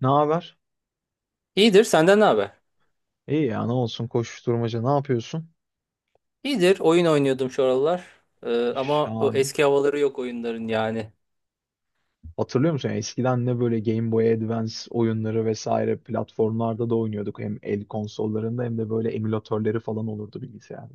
Ne haber? İyidir, senden ne haber? İyi ya ne olsun koşuşturmaca ne yapıyorsun? İyidir, oyun oynuyordum şu aralar. Ee, ama o Şahane. eski havaları yok oyunların yani. Hatırlıyor musun? Eskiden ne böyle Game Boy Advance oyunları vesaire platformlarda da oynuyorduk. Hem el konsollarında hem de böyle emülatörleri falan olurdu bilgisayarda.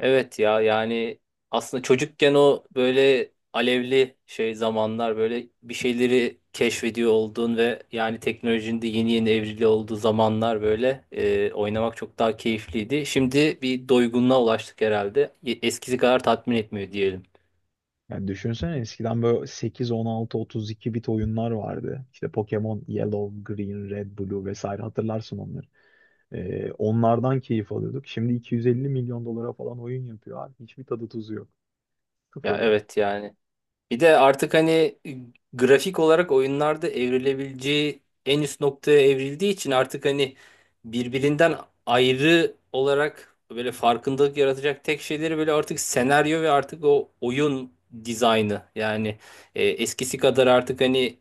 Evet ya yani aslında çocukken o böyle alevli şey zamanlar böyle bir şeyleri keşfediyor olduğun ve yani teknolojinin de yeni yeni evrili olduğu zamanlar böyle oynamak çok daha keyifliydi. Şimdi bir doygunluğa ulaştık herhalde. Eskisi kadar tatmin etmiyor diyelim. Yani düşünsene eskiden böyle 8, 16, 32 bit oyunlar vardı. İşte Pokemon Yellow, Green, Red, Blue vesaire hatırlarsın onları. Onlardan keyif alıyorduk. Şimdi 250 milyon dolara falan oyun yapıyor abi. Hiçbir tadı tuzu yok. Ya Sıfır yani. evet yani. Bir de artık hani grafik olarak oyunlarda evrilebileceği en üst noktaya evrildiği için artık hani birbirinden ayrı olarak böyle farkındalık yaratacak tek şeyleri böyle artık senaryo ve artık o oyun dizaynı. Yani eskisi kadar artık hani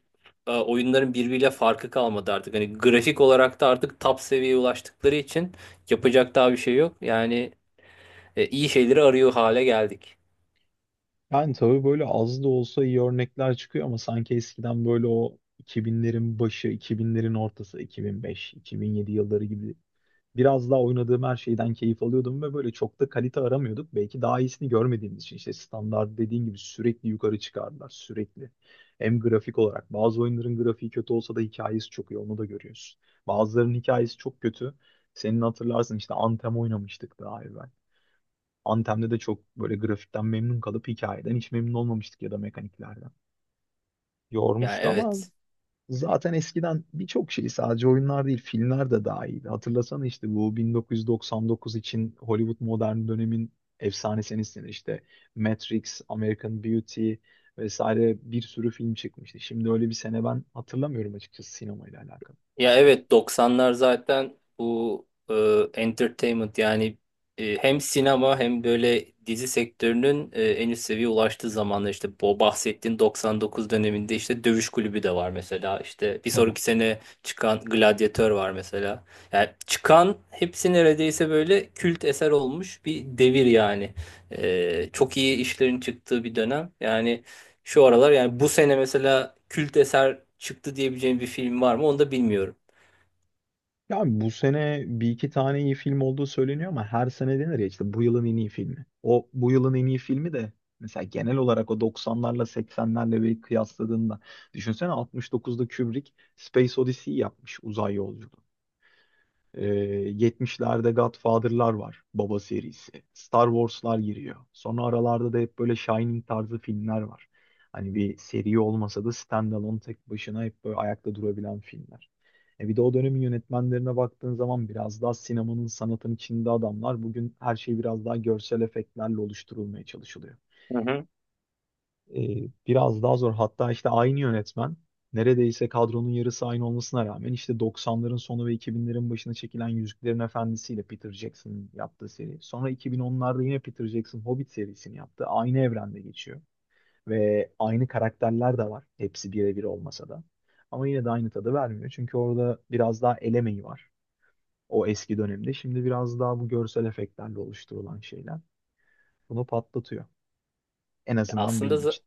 oyunların birbiriyle farkı kalmadı artık. Hani grafik olarak da artık top seviyeye ulaştıkları için yapacak daha bir şey yok. Yani iyi şeyleri arıyor hale geldik. Yani tabii böyle az da olsa iyi örnekler çıkıyor ama sanki eskiden böyle o 2000'lerin başı, 2000'lerin ortası, 2005, 2007 yılları gibi biraz daha oynadığım her şeyden keyif alıyordum ve böyle çok da kalite aramıyorduk. Belki daha iyisini görmediğimiz için işte standart dediğin gibi sürekli yukarı çıkardılar sürekli. Hem grafik olarak bazı oyunların grafiği kötü olsa da hikayesi çok iyi onu da görüyorsun. Bazılarının hikayesi çok kötü. Senin hatırlarsın işte Anthem oynamıştık daha evvel. Antem'de de çok böyle grafikten memnun kalıp hikayeden hiç memnun olmamıştık ya da mekaniklerden. Yani Yormuştu ama evet. zaten eskiden birçok şey sadece oyunlar değil filmler de dahildi. Hatırlasana işte bu 1999 için Hollywood modern dönemin efsanesi senesi işte Matrix, American Beauty vesaire bir sürü film çıkmıştı. Şimdi öyle bir sene ben hatırlamıyorum açıkçası sinemayla alakalı. Ya Son. evet 90'lar zaten bu entertainment yani hem sinema hem böyle dizi sektörünün en üst seviyeye ulaştığı zamanlar işte bu bahsettiğin 99 döneminde işte Dövüş Kulübü de var mesela, işte bir Tabii. sonraki sene çıkan Gladyatör var mesela. Yani çıkan hepsi neredeyse böyle kült eser olmuş bir devir yani. Çok iyi işlerin çıktığı bir dönem. Yani şu aralar yani bu sene mesela kült eser çıktı diyebileceğim bir film var mı onu da bilmiyorum. Ya abi bu sene bir iki tane iyi film olduğu söyleniyor ama her sene denir ya işte bu yılın en iyi filmi. O bu yılın en iyi filmi de mesela genel olarak o doksanlarla seksenlerle bir kıyasladığında düşünsene 69'da Kubrick Space Odyssey yapmış uzay yolculuğu. Ee, 70'lerde Godfather'lar var. Baba serisi. Star Wars'lar giriyor. Sonra aralarda da hep böyle Shining tarzı filmler var. Hani bir seri olmasa da standalone tek başına hep böyle ayakta durabilen filmler. E bir de o dönemin yönetmenlerine baktığın zaman biraz daha sinemanın sanatın içinde adamlar. Bugün her şey biraz daha görsel efektlerle oluşturulmaya çalışılıyor. Hı hı. Biraz daha zor. Hatta işte aynı yönetmen neredeyse kadronun yarısı aynı olmasına rağmen işte 90'ların sonu ve 2000'lerin başına çekilen Yüzüklerin Efendisi ile Peter Jackson'ın yaptığı seri. Sonra 2010'larda yine Peter Jackson Hobbit serisini yaptı. Aynı evrende geçiyor. Ve aynı karakterler de var. Hepsi birebir olmasa da. Ama yine de aynı tadı vermiyor. Çünkü orada biraz daha el emeği var. O eski dönemde. Şimdi biraz daha bu görsel efektlerle oluşturulan şeyler. Bunu patlatıyor. En azından Aslında benim için.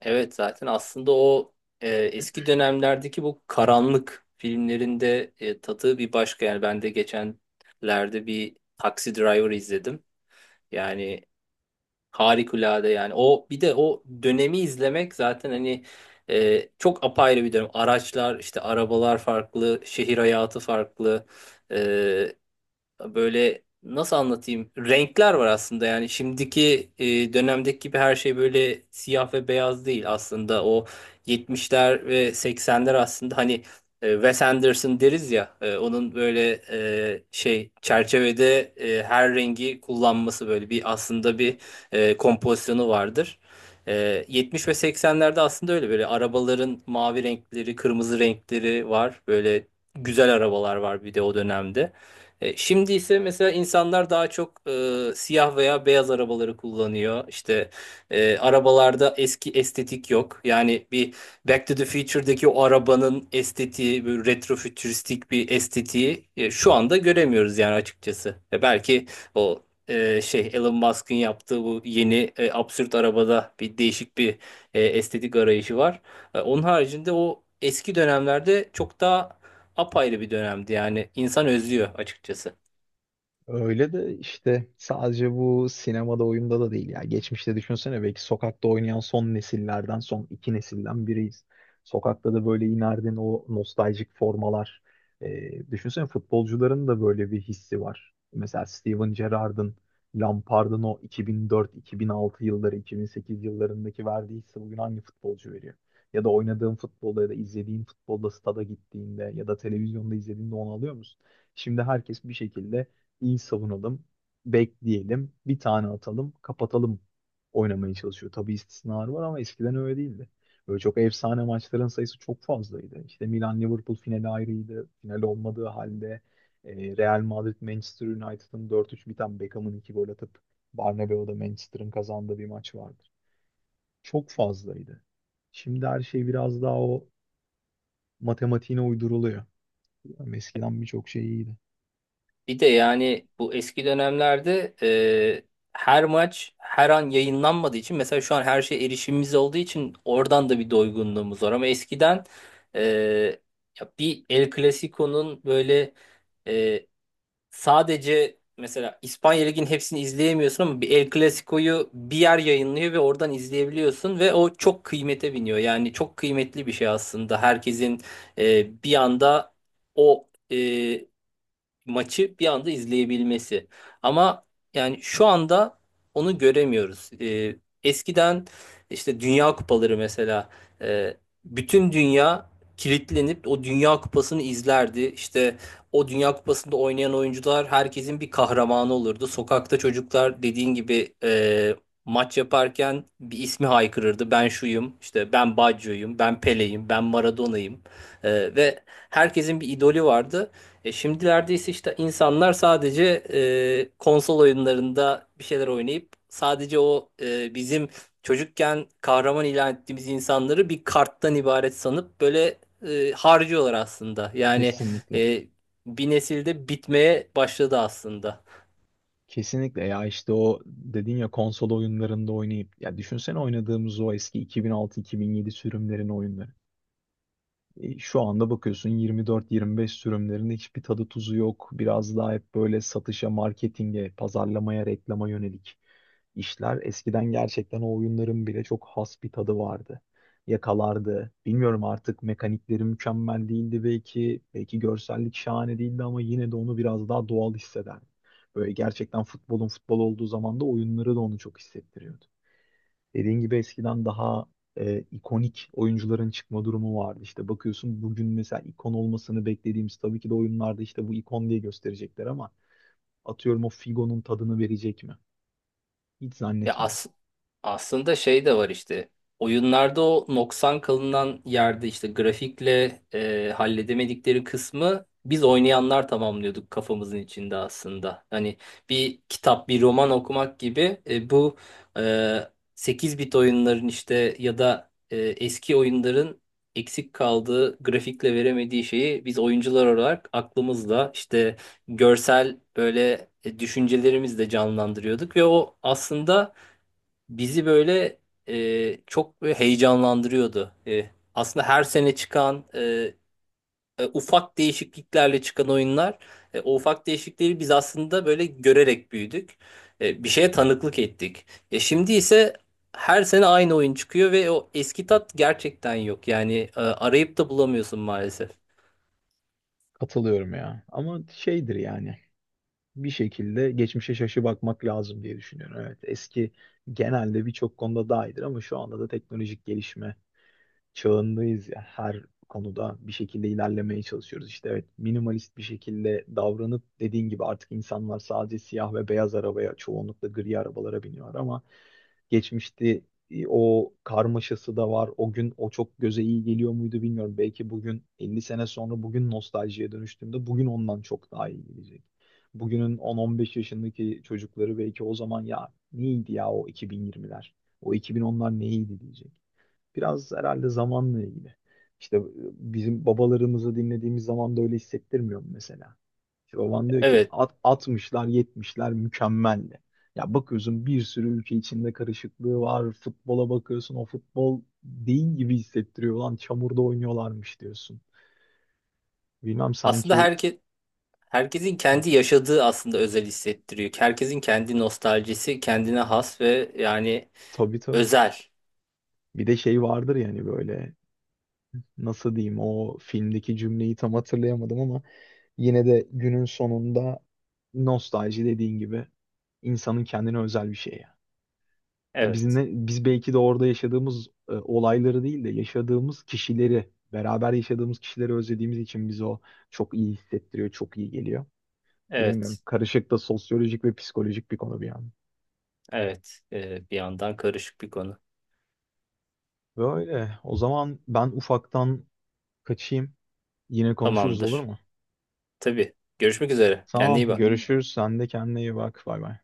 evet zaten aslında o eski dönemlerdeki bu karanlık filmlerinde tadı bir başka yani, ben de geçenlerde bir Taxi Driver izledim. Yani harikulade yani, o bir de o dönemi izlemek zaten hani çok apayrı bir dönem. Araçlar işte, arabalar farklı, şehir hayatı farklı. Böyle nasıl anlatayım? Renkler var aslında, yani şimdiki dönemdeki gibi her şey böyle siyah ve beyaz değil aslında. O 70'ler ve 80'ler aslında hani Wes Anderson deriz ya, onun böyle şey çerçevede her rengi kullanması böyle bir aslında bir kompozisyonu vardır. E, 70 ve 80'lerde aslında öyle böyle arabaların mavi renkleri, kırmızı renkleri var. Böyle güzel arabalar var bir de o dönemde. Şimdi ise mesela insanlar daha çok siyah veya beyaz arabaları kullanıyor. İşte arabalarda eski estetik yok. Yani bir Back to the Future'daki o arabanın estetiği, böyle retrofütüristik bir estetiği şu anda göremiyoruz yani açıkçası. Belki o şey Elon Musk'ın yaptığı bu yeni absürt arabada bir değişik bir estetik arayışı var. Onun haricinde o eski dönemlerde çok daha apayrı bir dönemdi yani, insan özlüyor açıkçası. Öyle de işte sadece bu sinemada oyunda da değil ya. Geçmişte düşünsene belki sokakta oynayan son nesillerden son iki nesilden biriyiz. Sokakta da böyle inerdin o nostaljik formalar. Düşünsene futbolcuların da böyle bir hissi var. Mesela Steven Gerrard'ın, Lampard'ın o 2004-2006 yılları, 2008 yıllarındaki verdiği hissi bugün hangi futbolcu veriyor? Ya da oynadığın futbolda ya da izlediğin futbolda stada gittiğinde ya da televizyonda izlediğinde onu alıyor musun? Şimdi herkes bir şekilde iyi savunalım, bekleyelim, bir tane atalım, kapatalım oynamaya çalışıyor. Tabii istisnalar var ama eskiden öyle değildi. Böyle çok efsane maçların sayısı çok fazlaydı. İşte Milan-Liverpool finali ayrıydı. Final olmadığı halde Real Madrid-Manchester United'ın 4-3 biten Beckham'ın 2 gol atıp Bernabeu'da Manchester'ın kazandığı bir maç vardır. Çok fazlaydı. Şimdi her şey biraz daha o matematiğine uyduruluyor. Yani eskiden birçok şey iyiydi. Yani. Bir de yani bu eski dönemlerde her maç her an yayınlanmadığı için, mesela şu an her şey erişimimiz olduğu için oradan da bir doygunluğumuz var, ama eskiden e, ya bir El Clasico'nun böyle. Sadece mesela İspanya Ligi'nin hepsini izleyemiyorsun ama bir El Clasico'yu bir yer yayınlıyor ve oradan izleyebiliyorsun ve o çok kıymete biniyor. Yani çok kıymetli bir şey aslında. Herkesin bir anda o maçı bir anda izleyebilmesi. Ama yani şu anda onu göremiyoruz. Eskiden işte Dünya Kupaları mesela, e, bütün dünya kilitlenip o Dünya Kupası'nı izlerdi. İşte o Dünya Kupası'nda oynayan oyuncular herkesin bir kahramanı olurdu. Sokakta çocuklar dediğin gibi maç yaparken bir ismi haykırırdı. Ben şuyum, işte ben Baggio'yum, ben Pele'yim, ben Maradona'yım. Ve herkesin bir idolü vardı. Şimdilerde ise işte insanlar sadece konsol oyunlarında bir şeyler oynayıp sadece o bizim çocukken kahraman ilan ettiğimiz insanları bir karttan ibaret sanıp böyle harcıyorlar aslında. Yani Kesinlikle. e, bir nesilde bitmeye başladı aslında. Kesinlikle ya işte o dedin ya konsol oyunlarında oynayıp ya düşünsene oynadığımız o eski 2006-2007 sürümlerin oyunları. Şu anda bakıyorsun 24-25 sürümlerinde hiçbir tadı tuzu yok. Biraz daha hep böyle satışa, marketinge, pazarlamaya, reklama yönelik işler. Eskiden gerçekten o oyunların bile çok has bir tadı vardı. Yakalardı. Bilmiyorum artık mekanikleri mükemmel değildi belki. Belki görsellik şahane değildi ama yine de onu biraz daha doğal hissederdim. Böyle gerçekten futbolun futbol olduğu zaman da oyunları da onu çok hissettiriyordu. Dediğin gibi eskiden daha ikonik oyuncuların çıkma durumu vardı. İşte bakıyorsun bugün mesela ikon olmasını beklediğimiz tabii ki de oyunlarda işte bu ikon diye gösterecekler ama atıyorum o Figo'nun tadını verecek mi? Hiç Ya zannetmiyorum. Aslında şey de var işte. Oyunlarda o noksan kalınan yerde, işte grafikle halledemedikleri kısmı biz oynayanlar tamamlıyorduk kafamızın içinde aslında. Hani bir kitap, bir roman okumak gibi bu e, 8 bit oyunların işte, ya da eski oyunların eksik kaldığı, grafikle veremediği şeyi biz oyuncular olarak aklımızla işte görsel böyle düşüncelerimizle canlandırıyorduk ve o aslında bizi böyle çok böyle heyecanlandırıyordu. Aslında her sene çıkan ufak değişikliklerle çıkan oyunlar, o ufak değişiklikleri biz aslında böyle görerek büyüdük. Bir şeye tanıklık ettik. Şimdi ise her sene aynı oyun çıkıyor ve o eski tat gerçekten yok. Yani arayıp da bulamıyorsun maalesef. Katılıyorum ya. Ama şeydir yani bir şekilde geçmişe şaşı bakmak lazım diye düşünüyorum. Evet eski genelde birçok konuda daha iyidir ama şu anda da teknolojik gelişme çağındayız ya. Her konuda bir şekilde ilerlemeye çalışıyoruz. İşte evet minimalist bir şekilde davranıp dediğin gibi artık insanlar sadece siyah ve beyaz arabaya çoğunlukla gri arabalara biniyor ama geçmişte o karmaşası da var. O gün o çok göze iyi geliyor muydu bilmiyorum. Belki bugün 50 sene sonra bugün nostaljiye dönüştüğümde bugün ondan çok daha iyi gelecek. Bugünün 10-15 yaşındaki çocukları belki o zaman ya neydi ya o 2020'ler, o 2010'lar neydi diyecek. Biraz herhalde zamanla ilgili. İşte bizim babalarımızı dinlediğimiz zaman da öyle hissettirmiyor mu mesela? İşte baban diyor ki Evet. at, 60'lar 70'ler mükemmeldi. Ya bakıyorsun bir sürü ülke içinde karışıklığı var. Futbola bakıyorsun o futbol değil gibi hissettiriyor. Lan çamurda oynuyorlarmış diyorsun. Bilmem Aslında sanki herkes, herkesin kendi yaşadığı aslında özel hissettiriyor. Herkesin kendi nostaljisi kendine has ve yani tabii tabii. özel. Bir de şey vardır yani böyle nasıl diyeyim o filmdeki cümleyi tam hatırlayamadım ama yine de günün sonunda nostalji dediğin gibi insanın kendine özel bir şey ya. E biz Evet, ne, biz belki de orada yaşadığımız olayları değil de yaşadığımız kişileri, beraber yaşadığımız kişileri özlediğimiz için bizi o çok iyi hissettiriyor, çok iyi geliyor. Bilemiyorum. evet, Karışık da sosyolojik ve psikolojik bir konu bir yandan. evet. Bir yandan karışık bir konu. Böyle. O zaman ben ufaktan kaçayım. Yine konuşuruz olur Tamamdır. mu? Tabii. Görüşmek üzere. Kendine Tamam, iyi Tamam. bak. Görüşürüz. Sen de kendine iyi bak. Bay bay.